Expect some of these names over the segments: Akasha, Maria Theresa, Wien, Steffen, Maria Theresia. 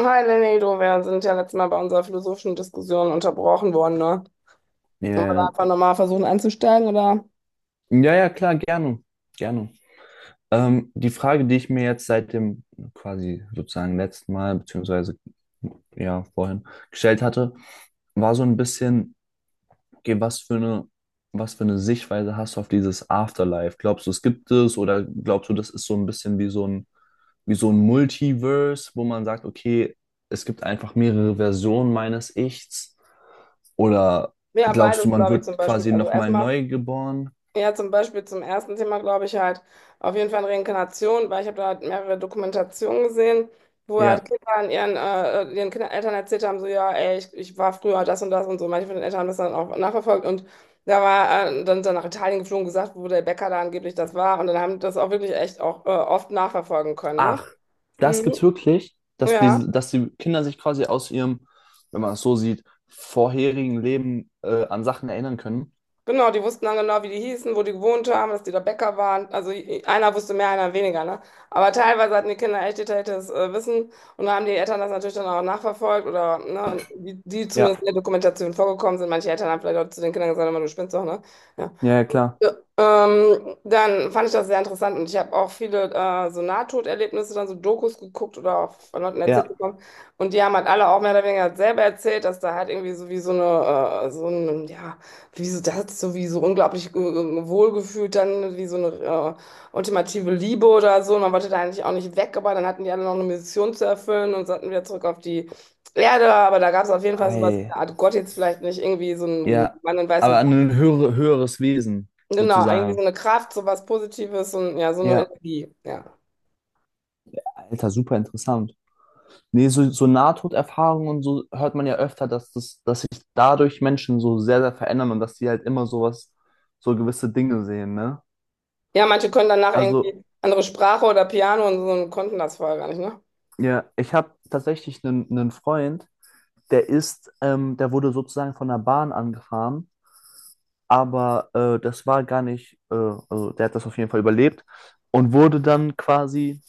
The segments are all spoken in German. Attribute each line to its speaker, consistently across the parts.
Speaker 1: Hi Lenedo, wir sind ja letztes Mal bei unserer philosophischen Diskussion unterbrochen worden, ne? Wollen wir da
Speaker 2: Ja,
Speaker 1: einfach nochmal versuchen anzusteigen, oder?
Speaker 2: ja, ja, klar, gerne, gerne. Die Frage, die ich mir jetzt seit dem quasi sozusagen letzten Mal, beziehungsweise ja, vorhin gestellt hatte, war so ein bisschen, okay, was für eine Sichtweise hast du auf dieses Afterlife? Glaubst du, es gibt es, oder glaubst du, das ist so ein bisschen wie so ein Multiverse, wo man sagt, okay, es gibt einfach mehrere Versionen meines Ichs? Oder
Speaker 1: Ja,
Speaker 2: glaubst du,
Speaker 1: beides,
Speaker 2: man
Speaker 1: glaube ich, zum
Speaker 2: wird
Speaker 1: Beispiel.
Speaker 2: quasi
Speaker 1: Also
Speaker 2: nochmal
Speaker 1: erstmal,
Speaker 2: neu geboren?
Speaker 1: ja, zum Beispiel zum ersten Thema, glaube ich, halt auf jeden Fall Reinkarnation, weil ich habe da halt mehrere Dokumentationen gesehen, wo halt
Speaker 2: Ja.
Speaker 1: Kinder an ihren, ihren Kindern, Eltern erzählt haben, so, ja, ey, ich war früher das und das und so. Manche von den Eltern haben das dann auch nachverfolgt und da war dann nach Italien geflogen, gesagt, wo der Bäcker da angeblich das war. Und dann haben die das auch wirklich echt auch oft nachverfolgen können, ne?
Speaker 2: Ach, das
Speaker 1: Mhm.
Speaker 2: gibt's wirklich, dass
Speaker 1: Ja,
Speaker 2: die Kinder sich quasi aus ihrem, wenn man es so sieht, vorherigen Leben an Sachen erinnern können.
Speaker 1: genau, die wussten dann genau, wie die hießen, wo die gewohnt haben, dass die da Bäcker waren. Also einer wusste mehr, einer weniger, ne? Aber teilweise hatten die Kinder echt detailliertes Wissen und da haben die Eltern das natürlich dann auch nachverfolgt oder ne, die
Speaker 2: Ja,
Speaker 1: zumindest in der Dokumentation vorgekommen sind. Manche Eltern haben vielleicht auch zu den Kindern gesagt, "Hör mal, du spinnst doch, ne? Ja.
Speaker 2: ja, ja, klar.
Speaker 1: Ja, dann fand ich das sehr interessant und ich habe auch viele so Nahtoderlebnisse, dann so Dokus geguckt oder auch von Leuten erzählt
Speaker 2: Ja.
Speaker 1: bekommen. Und die haben halt alle auch mehr oder weniger selber erzählt, dass da halt irgendwie so wie so eine, so ein, ja, wie so das, so wie so unglaublich wohlgefühlt, dann wie so eine ultimative Liebe oder so. Und man wollte da eigentlich auch nicht weg, aber dann hatten die alle noch eine Mission zu erfüllen und sollten wieder zurück auf die Erde. Aber da gab es auf jeden Fall sowas, wie
Speaker 2: Ei.
Speaker 1: eine Art Gott jetzt vielleicht nicht irgendwie so einen
Speaker 2: Ja.
Speaker 1: Mann in
Speaker 2: Aber
Speaker 1: weißem.
Speaker 2: an ein höheres Wesen,
Speaker 1: Genau, irgendwie so
Speaker 2: sozusagen.
Speaker 1: eine Kraft, so was Positives und ja, so eine
Speaker 2: Ja,
Speaker 1: Energie, ja.
Speaker 2: Alter, super interessant. Nee, so Nahtoderfahrungen und so hört man ja öfter, dass sich dadurch Menschen so sehr, sehr verändern und dass die halt immer sowas, so gewisse Dinge sehen, ne?
Speaker 1: Ja, manche können danach
Speaker 2: Also,
Speaker 1: irgendwie andere Sprache oder Piano und so und konnten das vorher gar nicht, ne?
Speaker 2: ja, ich habe tatsächlich einen Freund, der wurde sozusagen von der Bahn angefahren, aber das war gar nicht, also der hat das auf jeden Fall überlebt und wurde dann quasi,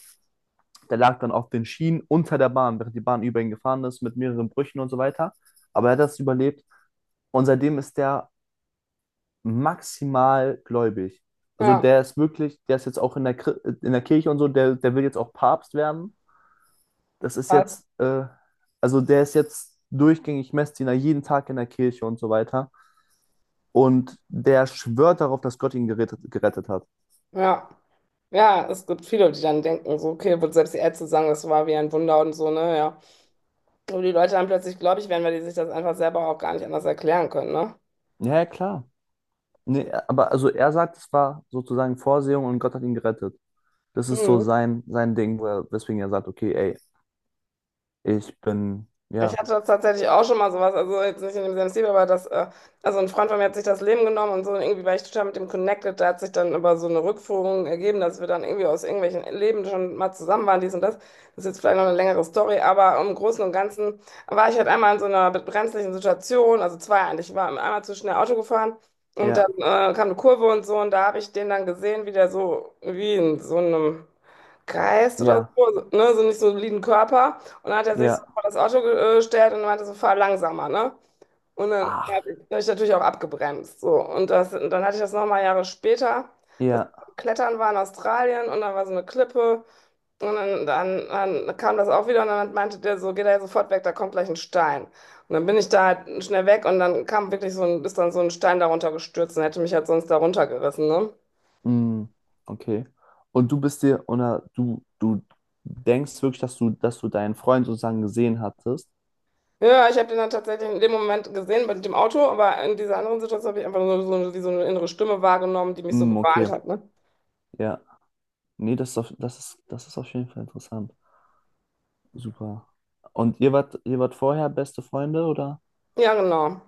Speaker 2: der lag dann auf den Schienen unter der Bahn, während die Bahn über ihn gefahren ist, mit mehreren Brüchen und so weiter. Aber er hat das überlebt, und seitdem ist der maximal gläubig. Also
Speaker 1: Ja,
Speaker 2: der ist wirklich, der ist jetzt auch in der, Kri- in der Kirche und so, der will jetzt auch Papst werden. Das ist
Speaker 1: krass.
Speaker 2: jetzt, äh, also der ist jetzt durchgängig Messdiener, jeden Tag in der Kirche und so weiter. Und der schwört darauf, dass Gott ihn gerettet hat.
Speaker 1: Ja. Ja, es gibt viele, die dann denken, so, okay, wird selbst die Ärzte sagen, das war wie ein Wunder und so, ne? Ja. Aber die Leute dann plötzlich glaube ich werden, weil die sich das einfach selber auch gar nicht anders erklären können, ne?
Speaker 2: Ja, ja, klar. Nee, aber also er sagt, es war sozusagen Vorsehung, und Gott hat ihn gerettet. Das ist so
Speaker 1: Mhm.
Speaker 2: sein Ding, weswegen er sagt, okay, ey, ich bin,
Speaker 1: Ich
Speaker 2: ja,
Speaker 1: hatte das tatsächlich auch schon mal sowas, also jetzt nicht in demselben Stil, aber also ein Freund von mir hat sich das Leben genommen und so, und irgendwie war ich total mit dem connected, da hat sich dann über so eine Rückführung ergeben, dass wir dann irgendwie aus irgendwelchen Leben schon mal zusammen waren, dies und das. Das ist jetzt vielleicht noch eine längere Story, aber im Großen und Ganzen war ich halt einmal in so einer brenzlichen Situation, also zwei eigentlich, ich war einmal zu schnell Auto gefahren und dann
Speaker 2: ja,
Speaker 1: kam eine Kurve und so und da habe ich den dann gesehen, wie der so, wie in so einem Geist oder
Speaker 2: ja,
Speaker 1: so, ne, so nicht so einen soliden Körper. Und dann hat er sich so
Speaker 2: ja,
Speaker 1: vor das Auto gestellt und meinte so, fahr langsamer, ne? Und dann
Speaker 2: ach,
Speaker 1: hab ich natürlich auch abgebremst. So. Und, das, und dann hatte ich das nochmal Jahre später. Das
Speaker 2: ja,
Speaker 1: Klettern war in Australien und da war so eine Klippe. Und dann kam das auch wieder und dann meinte der so, geh da jetzt sofort weg, da kommt gleich ein Stein. Und dann bin ich da halt schnell weg und dann kam wirklich so ein, ist dann so ein Stein darunter gestürzt und hätte mich halt sonst darunter gerissen, ne?
Speaker 2: mm, okay. Und du bist dir, oder du denkst wirklich, dass du deinen Freund sozusagen gesehen hattest?
Speaker 1: Ja, ich habe den dann tatsächlich in dem Moment gesehen mit dem Auto, aber in dieser anderen Situation habe ich einfach nur wie so eine innere Stimme wahrgenommen, die mich so
Speaker 2: Mm,
Speaker 1: gewarnt
Speaker 2: okay,
Speaker 1: hat, ne?
Speaker 2: ja. Nee, das ist auf jeden Fall interessant. Super. Und ihr wart vorher beste Freunde, oder?
Speaker 1: Ja, genau.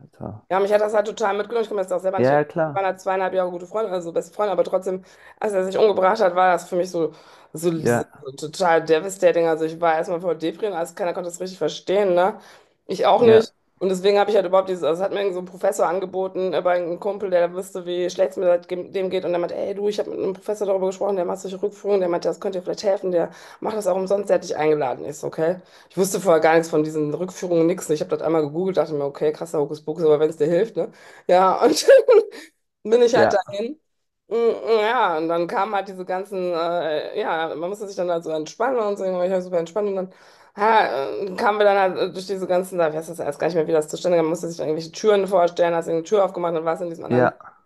Speaker 2: Alter.
Speaker 1: Ja, mich hat das halt total mitgenommen. Ich kann mir das auch selber nicht
Speaker 2: Ja, ja,
Speaker 1: erklären. Wir
Speaker 2: klar.
Speaker 1: waren halt zweieinhalb Jahre gute Freunde, also beste Freunde, aber trotzdem, als er sich umgebracht hat, war das für mich
Speaker 2: Ja,
Speaker 1: so total devastating. Also ich war erstmal voll Depri und alles, keiner konnte das richtig verstehen, ne? Ich auch
Speaker 2: ja,
Speaker 1: nicht. Und deswegen habe ich halt überhaupt dieses, also es hat mir irgend so ein Professor angeboten, aber ein Kumpel, der wusste, wie schlecht es mir seitdem dem geht. Und der meinte, ey du, ich habe mit einem Professor darüber gesprochen, der macht solche Rückführungen, der meinte, das könnte dir vielleicht helfen, der macht das auch umsonst, der hat dich eingeladen. Ist, okay. Ich wusste vorher gar nichts von diesen Rückführungen, nichts. Ich habe das einmal gegoogelt, dachte mir, okay, krasser Hokuspokus, aber wenn es dir hilft, ne? Ja, und bin ich halt
Speaker 2: ja,
Speaker 1: dahin. Mm, mm, ja, und dann kamen halt diese ganzen, ja, man musste sich dann halt so entspannen und so, ich war super entspannt und dann kamen wir dann halt durch diese ganzen, da weiß das erst gar nicht mehr, wie das zustande kam, man musste sich dann irgendwelche Türen vorstellen, hast irgendeine Tür aufgemacht und warst in diesem anderen
Speaker 2: ja.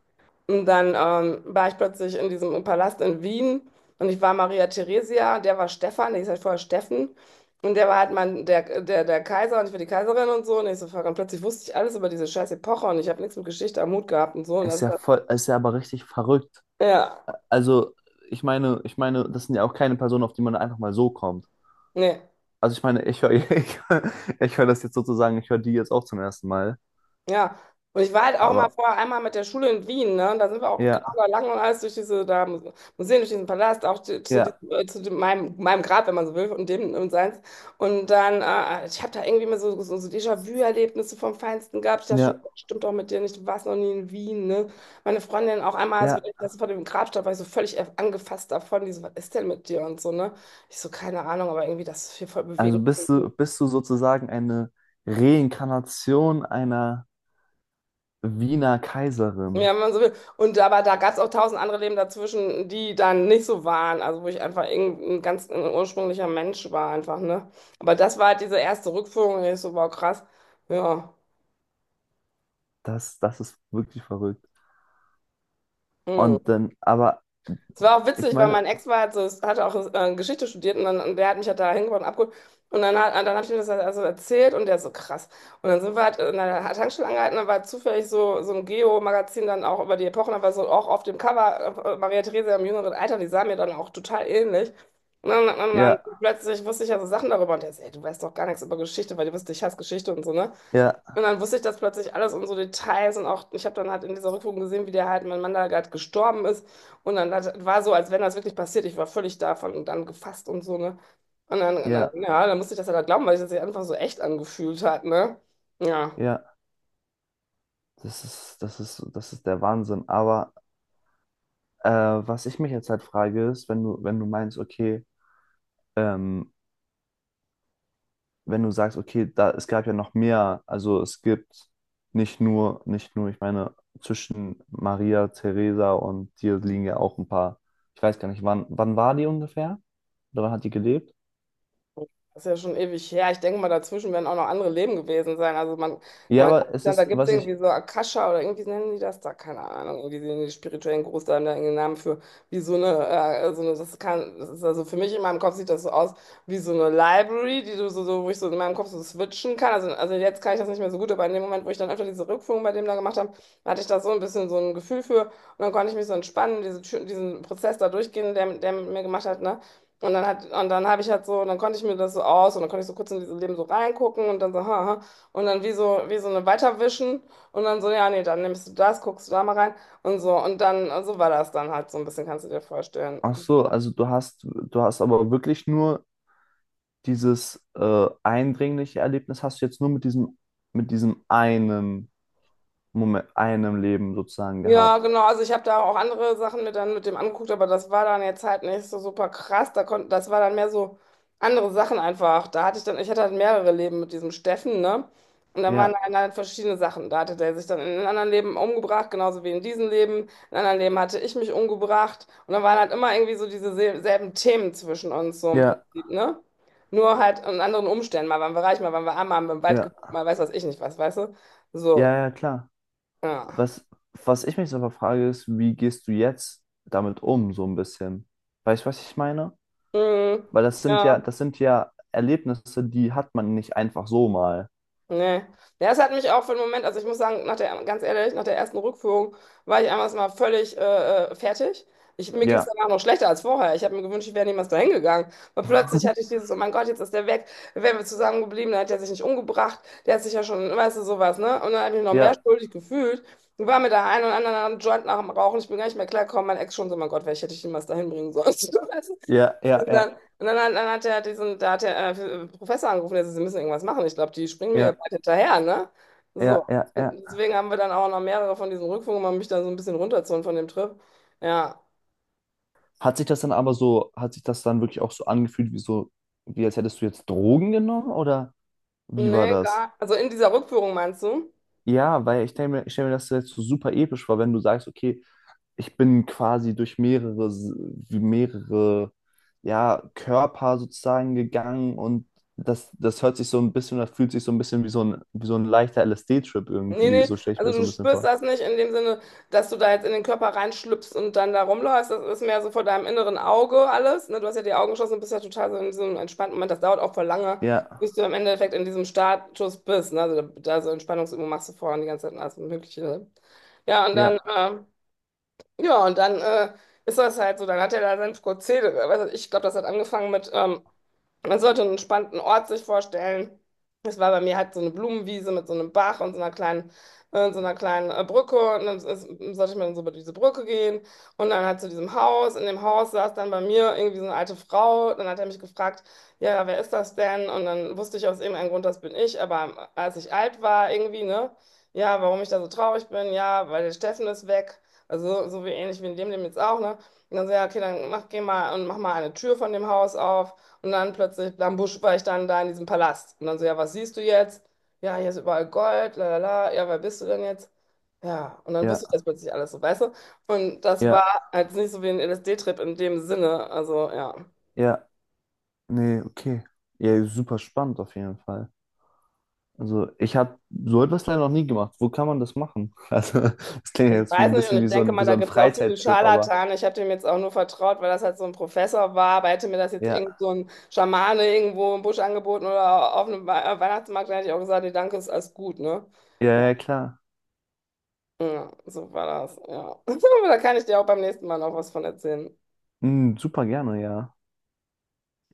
Speaker 1: und dann war ich plötzlich in diesem Palast in Wien und ich war Maria Theresia, der war Stefan, der hieß halt vorher Steffen. Und der war halt mein, der Kaiser und ich war die Kaiserin und so. Und ich so, fuck, und plötzlich wusste ich alles über diese scheiß Epoche und ich habe nichts mit Geschichte am Hut gehabt und so. Und das,
Speaker 2: Ist ja aber richtig verrückt.
Speaker 1: ja,
Speaker 2: Also, ich meine, das sind ja auch keine Personen, auf die man einfach mal so kommt.
Speaker 1: nee.
Speaker 2: Also ich meine, ich höre hör- ich höre das jetzt sozusagen, ich höre die jetzt auch zum ersten Mal.
Speaker 1: Ja, und ich war halt auch mal
Speaker 2: Aber
Speaker 1: vorher einmal mit der Schule in Wien, ne? Und da sind wir auch genau
Speaker 2: ja,
Speaker 1: da lang und alles durch diese da Museen, durch diesen Palast, auch
Speaker 2: ja,
Speaker 1: diesem, zu dem, meinem Grab, wenn man so will, und dem und seins. Und dann, ich habe da irgendwie mal so Déjà-vu-Erlebnisse vom Feinsten gehabt. Ich dachte schon,
Speaker 2: ja,
Speaker 1: oh, stimmt doch mit dir nicht, du warst noch nie in Wien, ne? Meine Freundin auch einmal, als wir
Speaker 2: ja.
Speaker 1: das vor dem Grab stand, war ich so völlig angefasst davon, die so, was ist denn mit dir und so, ne? Ich so, keine Ahnung, aber irgendwie das ist hier voll
Speaker 2: Also
Speaker 1: bewegend.
Speaker 2: bist du sozusagen eine Reinkarnation einer Wiener Kaiserin?
Speaker 1: Ja, wenn man so will. Und aber da gab es auch tausend andere Leben dazwischen, die dann nicht so waren. Also wo ich einfach irgendein ganz ein ursprünglicher Mensch war einfach, ne? Aber das war halt diese erste Rückführung, ich so, wow, krass. Ja.
Speaker 2: Das ist wirklich verrückt.
Speaker 1: Hm.
Speaker 2: Und dann, aber
Speaker 1: Es war auch
Speaker 2: ich
Speaker 1: witzig, weil
Speaker 2: meine,
Speaker 1: mein Ex war halt so, hatte auch Geschichte studiert und, dann, und der hat mich halt da hingebracht und abgeholt. Und dann habe ich ihm das halt also erzählt und der so krass. Und dann sind wir halt in einer Tankstelle angehalten, da war zufällig so ein Geo-Magazin dann auch über die Epochen, da war so auch auf dem Cover Maria Theresia im jüngeren Alter, die sah mir dann auch total ähnlich. Und dann
Speaker 2: ja,
Speaker 1: plötzlich wusste ich ja so Sachen darüber und der so, ey, du weißt doch gar nichts über Geschichte, weil du wusstest, ich hasse Geschichte und so, ne?
Speaker 2: ja,
Speaker 1: Und dann wusste ich das plötzlich alles und so Details und auch, ich habe dann halt in dieser Rückführung gesehen, wie der halt, mein Mann da gerade gestorben ist. Und war so, als wenn das wirklich passiert. Ich war völlig davon und dann gefasst und so, ne? Und dann,
Speaker 2: ja,
Speaker 1: ja, dann musste ich das halt glauben, weil sich das sich einfach so echt angefühlt hat, ne? Ja.
Speaker 2: ja, das ist der Wahnsinn. Aber was ich mich jetzt halt frage, ist, wenn du, wenn du meinst, okay, ähm, wenn du sagst, okay, da, es gab ja noch mehr, also es gibt nicht nur, ich meine, zwischen Maria, Theresa und dir liegen ja auch ein paar, ich weiß gar nicht, wann war die ungefähr? Oder wann hat die gelebt?
Speaker 1: Das ist ja schon ewig her. Ich denke mal, dazwischen werden auch noch andere Leben gewesen sein. Also man
Speaker 2: Ja,
Speaker 1: kann
Speaker 2: aber
Speaker 1: sich
Speaker 2: es
Speaker 1: dann, da
Speaker 2: ist,
Speaker 1: gibt es
Speaker 2: was ich.
Speaker 1: irgendwie so Akasha oder irgendwie nennen die das da, keine Ahnung, irgendwie die spirituellen Gurus, da irgendeinen Namen für, wie so eine, das kann, das ist also für mich in meinem Kopf sieht das so aus wie so eine Library, die du wo ich so in meinem Kopf so switchen kann. Also jetzt kann ich das nicht mehr so gut, aber in dem Moment, wo ich dann öfter diese Rückführung bei dem da gemacht habe, hatte ich da so ein bisschen so ein Gefühl für und dann konnte ich mich so entspannen, diese, diesen Prozess da durchgehen, der mit mir gemacht hat, ne? Und dann habe ich halt so, dann konnte ich mir das so aus und dann konnte ich so kurz in dieses Leben so reingucken und dann so, haha, und dann wie so eine weiterwischen und dann so, ja, nee, dann nimmst du das, guckst du da mal rein und so. Und dann, so war das dann halt so ein bisschen, kannst du dir vorstellen.
Speaker 2: Ach so, also du hast aber wirklich nur dieses eindringliche Erlebnis hast du jetzt nur mit diesem, einen Moment, einem Leben sozusagen
Speaker 1: Ja,
Speaker 2: gehabt.
Speaker 1: genau. Also ich habe da auch andere Sachen mit dann mit dem angeguckt, aber das war dann jetzt halt nicht so super krass. Da konnte, das war dann mehr so andere Sachen einfach. Da hatte ich dann, ich hatte halt mehrere Leben mit diesem Steffen, ne? Und da waren
Speaker 2: Ja,
Speaker 1: dann halt verschiedene Sachen. Da hatte der sich dann in einem anderen Leben umgebracht, genauso wie in diesem Leben. In einem anderen Leben hatte ich mich umgebracht. Und dann waren halt immer irgendwie so diese selben Themen zwischen uns, so im
Speaker 2: ja,
Speaker 1: Prinzip, ne? Nur halt in anderen Umständen. Mal waren wir reich, mal waren wir arm, mal haben wir im Wald
Speaker 2: ja,
Speaker 1: gewohnt, mal weiß was ich nicht was, weißt du?
Speaker 2: ja,
Speaker 1: So,
Speaker 2: ja, klar.
Speaker 1: ja.
Speaker 2: Was, was ich mich so frage, ist, wie gehst du jetzt damit um, so ein bisschen? Weißt du, was ich meine?
Speaker 1: Mhm.
Speaker 2: Weil das sind ja,
Speaker 1: Ja.
Speaker 2: das sind ja Erlebnisse, die hat man nicht einfach so mal.
Speaker 1: Nee. Ja, es hat mich auch für einen Moment, also ich muss sagen, nach der, ganz ehrlich, nach der ersten Rückführung war ich einmal mal völlig fertig. Ich, mir ging es
Speaker 2: Ja,
Speaker 1: danach noch schlechter als vorher. Ich habe mir gewünscht, ich wäre niemals dahin gegangen. Weil plötzlich hatte ich dieses, oh mein Gott, jetzt ist der weg. Wären wir zusammengeblieben, dann hätte er sich nicht umgebracht. Der hat sich ja schon, weißt du, sowas, ne? Und dann habe ich mich noch mehr
Speaker 2: ja,
Speaker 1: schuldig gefühlt. Und war mir da ein und anderen am Joint nach dem Rauchen. Ich bin gar nicht mehr klargekommen. Mein Ex schon so, oh mein Gott, vielleicht hätte ich ihn niemals dahin bringen sollen. Weißt du?
Speaker 2: ja, ja, ja,
Speaker 1: Dann hat er diesen, da hat der Professor angerufen, der sagt, Sie müssen irgendwas machen. Ich glaube, die springen mir hier
Speaker 2: ja,
Speaker 1: bald hinterher, ne? So.
Speaker 2: ja, ja, ja, ja.
Speaker 1: Deswegen haben wir dann auch noch mehrere von diesen Rückführungen, um mich da so ein bisschen runterzuholen von dem Trip. Ja.
Speaker 2: Hat sich das dann wirklich auch so angefühlt, wie als hättest du jetzt Drogen genommen, oder wie war
Speaker 1: Nee,
Speaker 2: das?
Speaker 1: gar. Also in dieser Rückführung meinst du?
Speaker 2: Ja, weil ich denke mir, ich stelle mir das jetzt so super episch vor, wenn du sagst, okay, ich bin quasi durch mehrere, S- wie mehrere, ja, Körper sozusagen gegangen, und das, das hört sich so ein bisschen, das fühlt sich so ein bisschen wie so ein leichter LSD-Trip
Speaker 1: Nee,
Speaker 2: irgendwie,
Speaker 1: nee,
Speaker 2: so stelle ich mir
Speaker 1: also
Speaker 2: das so
Speaker 1: du
Speaker 2: ein bisschen
Speaker 1: spürst
Speaker 2: vor.
Speaker 1: das nicht in dem Sinne, dass du da jetzt in den Körper reinschlüpfst und dann da rumläufst. Das ist mehr so vor deinem inneren Auge alles. Ne? Du hast ja die Augen geschlossen und bist ja total so in diesem entspannten Moment. Das dauert auch voll lange,
Speaker 2: Ja,
Speaker 1: bis du im Endeffekt in diesem Status bist. Ne? Also da so Entspannungsübungen machst du vorher und die ganze Zeit und alles Mögliche. Ne? Ja, und dann,
Speaker 2: ja,
Speaker 1: ja, und dann äh, ist das halt so, dann hat er da sein Prozedere. Weißt du, ich glaube, das hat angefangen mit. Man sollte einen entspannten Ort sich vorstellen. Es war bei mir halt so eine Blumenwiese mit so einem Bach und so einer so einer kleinen Brücke. Und dann ist, sollte ich mal so über diese Brücke gehen. Und dann halt zu diesem Haus. In dem Haus saß dann bei mir irgendwie so eine alte Frau. Dann hat er mich gefragt, ja, wer ist das denn? Und dann wusste ich aus irgendeinem Grund, das bin ich. Aber als ich alt war, irgendwie, ne? Ja, warum ich da so traurig bin? Ja, weil der Steffen ist weg. Also so wie ähnlich wie in dem jetzt auch, ne? Und dann so, ja, okay, dann mach, geh mal und mach mal eine Tür von dem Haus auf. Und dann plötzlich, am Busch war ich dann da in diesem Palast. Und dann so, ja, was siehst du jetzt? Ja, hier ist überall Gold, la la la. Ja, wer bist du denn jetzt? Ja, und dann wusste ich das
Speaker 2: ja,
Speaker 1: plötzlich alles so, weißt du? Und das war
Speaker 2: ja,
Speaker 1: halt nicht so wie ein LSD-Trip in dem Sinne. Also, ja.
Speaker 2: ja, nee, okay. Ja, super spannend auf jeden Fall. Also ich habe so etwas leider noch nie gemacht. Wo kann man das machen? Also das klingt
Speaker 1: Ich
Speaker 2: jetzt wie
Speaker 1: weiß
Speaker 2: ein
Speaker 1: nicht und
Speaker 2: bisschen
Speaker 1: ich
Speaker 2: wie so
Speaker 1: denke
Speaker 2: ein,
Speaker 1: mal,
Speaker 2: wie so
Speaker 1: da
Speaker 2: ein
Speaker 1: gibt es auch viele
Speaker 2: Freizeittrip, aber
Speaker 1: Scharlatane. Ich habe dem jetzt auch nur vertraut, weil das halt so ein Professor war. Aber hätte mir das jetzt irgend
Speaker 2: ja,
Speaker 1: so ein Schamane irgendwo im Busch angeboten oder auf einem Weihnachtsmarkt, dann hätte ich auch gesagt, nee, danke, ist alles gut, ne?
Speaker 2: ja, ja, klar.
Speaker 1: Ja, so war das, ja. Aber da kann ich dir auch beim nächsten Mal noch was von erzählen.
Speaker 2: Hm, super gerne, ja.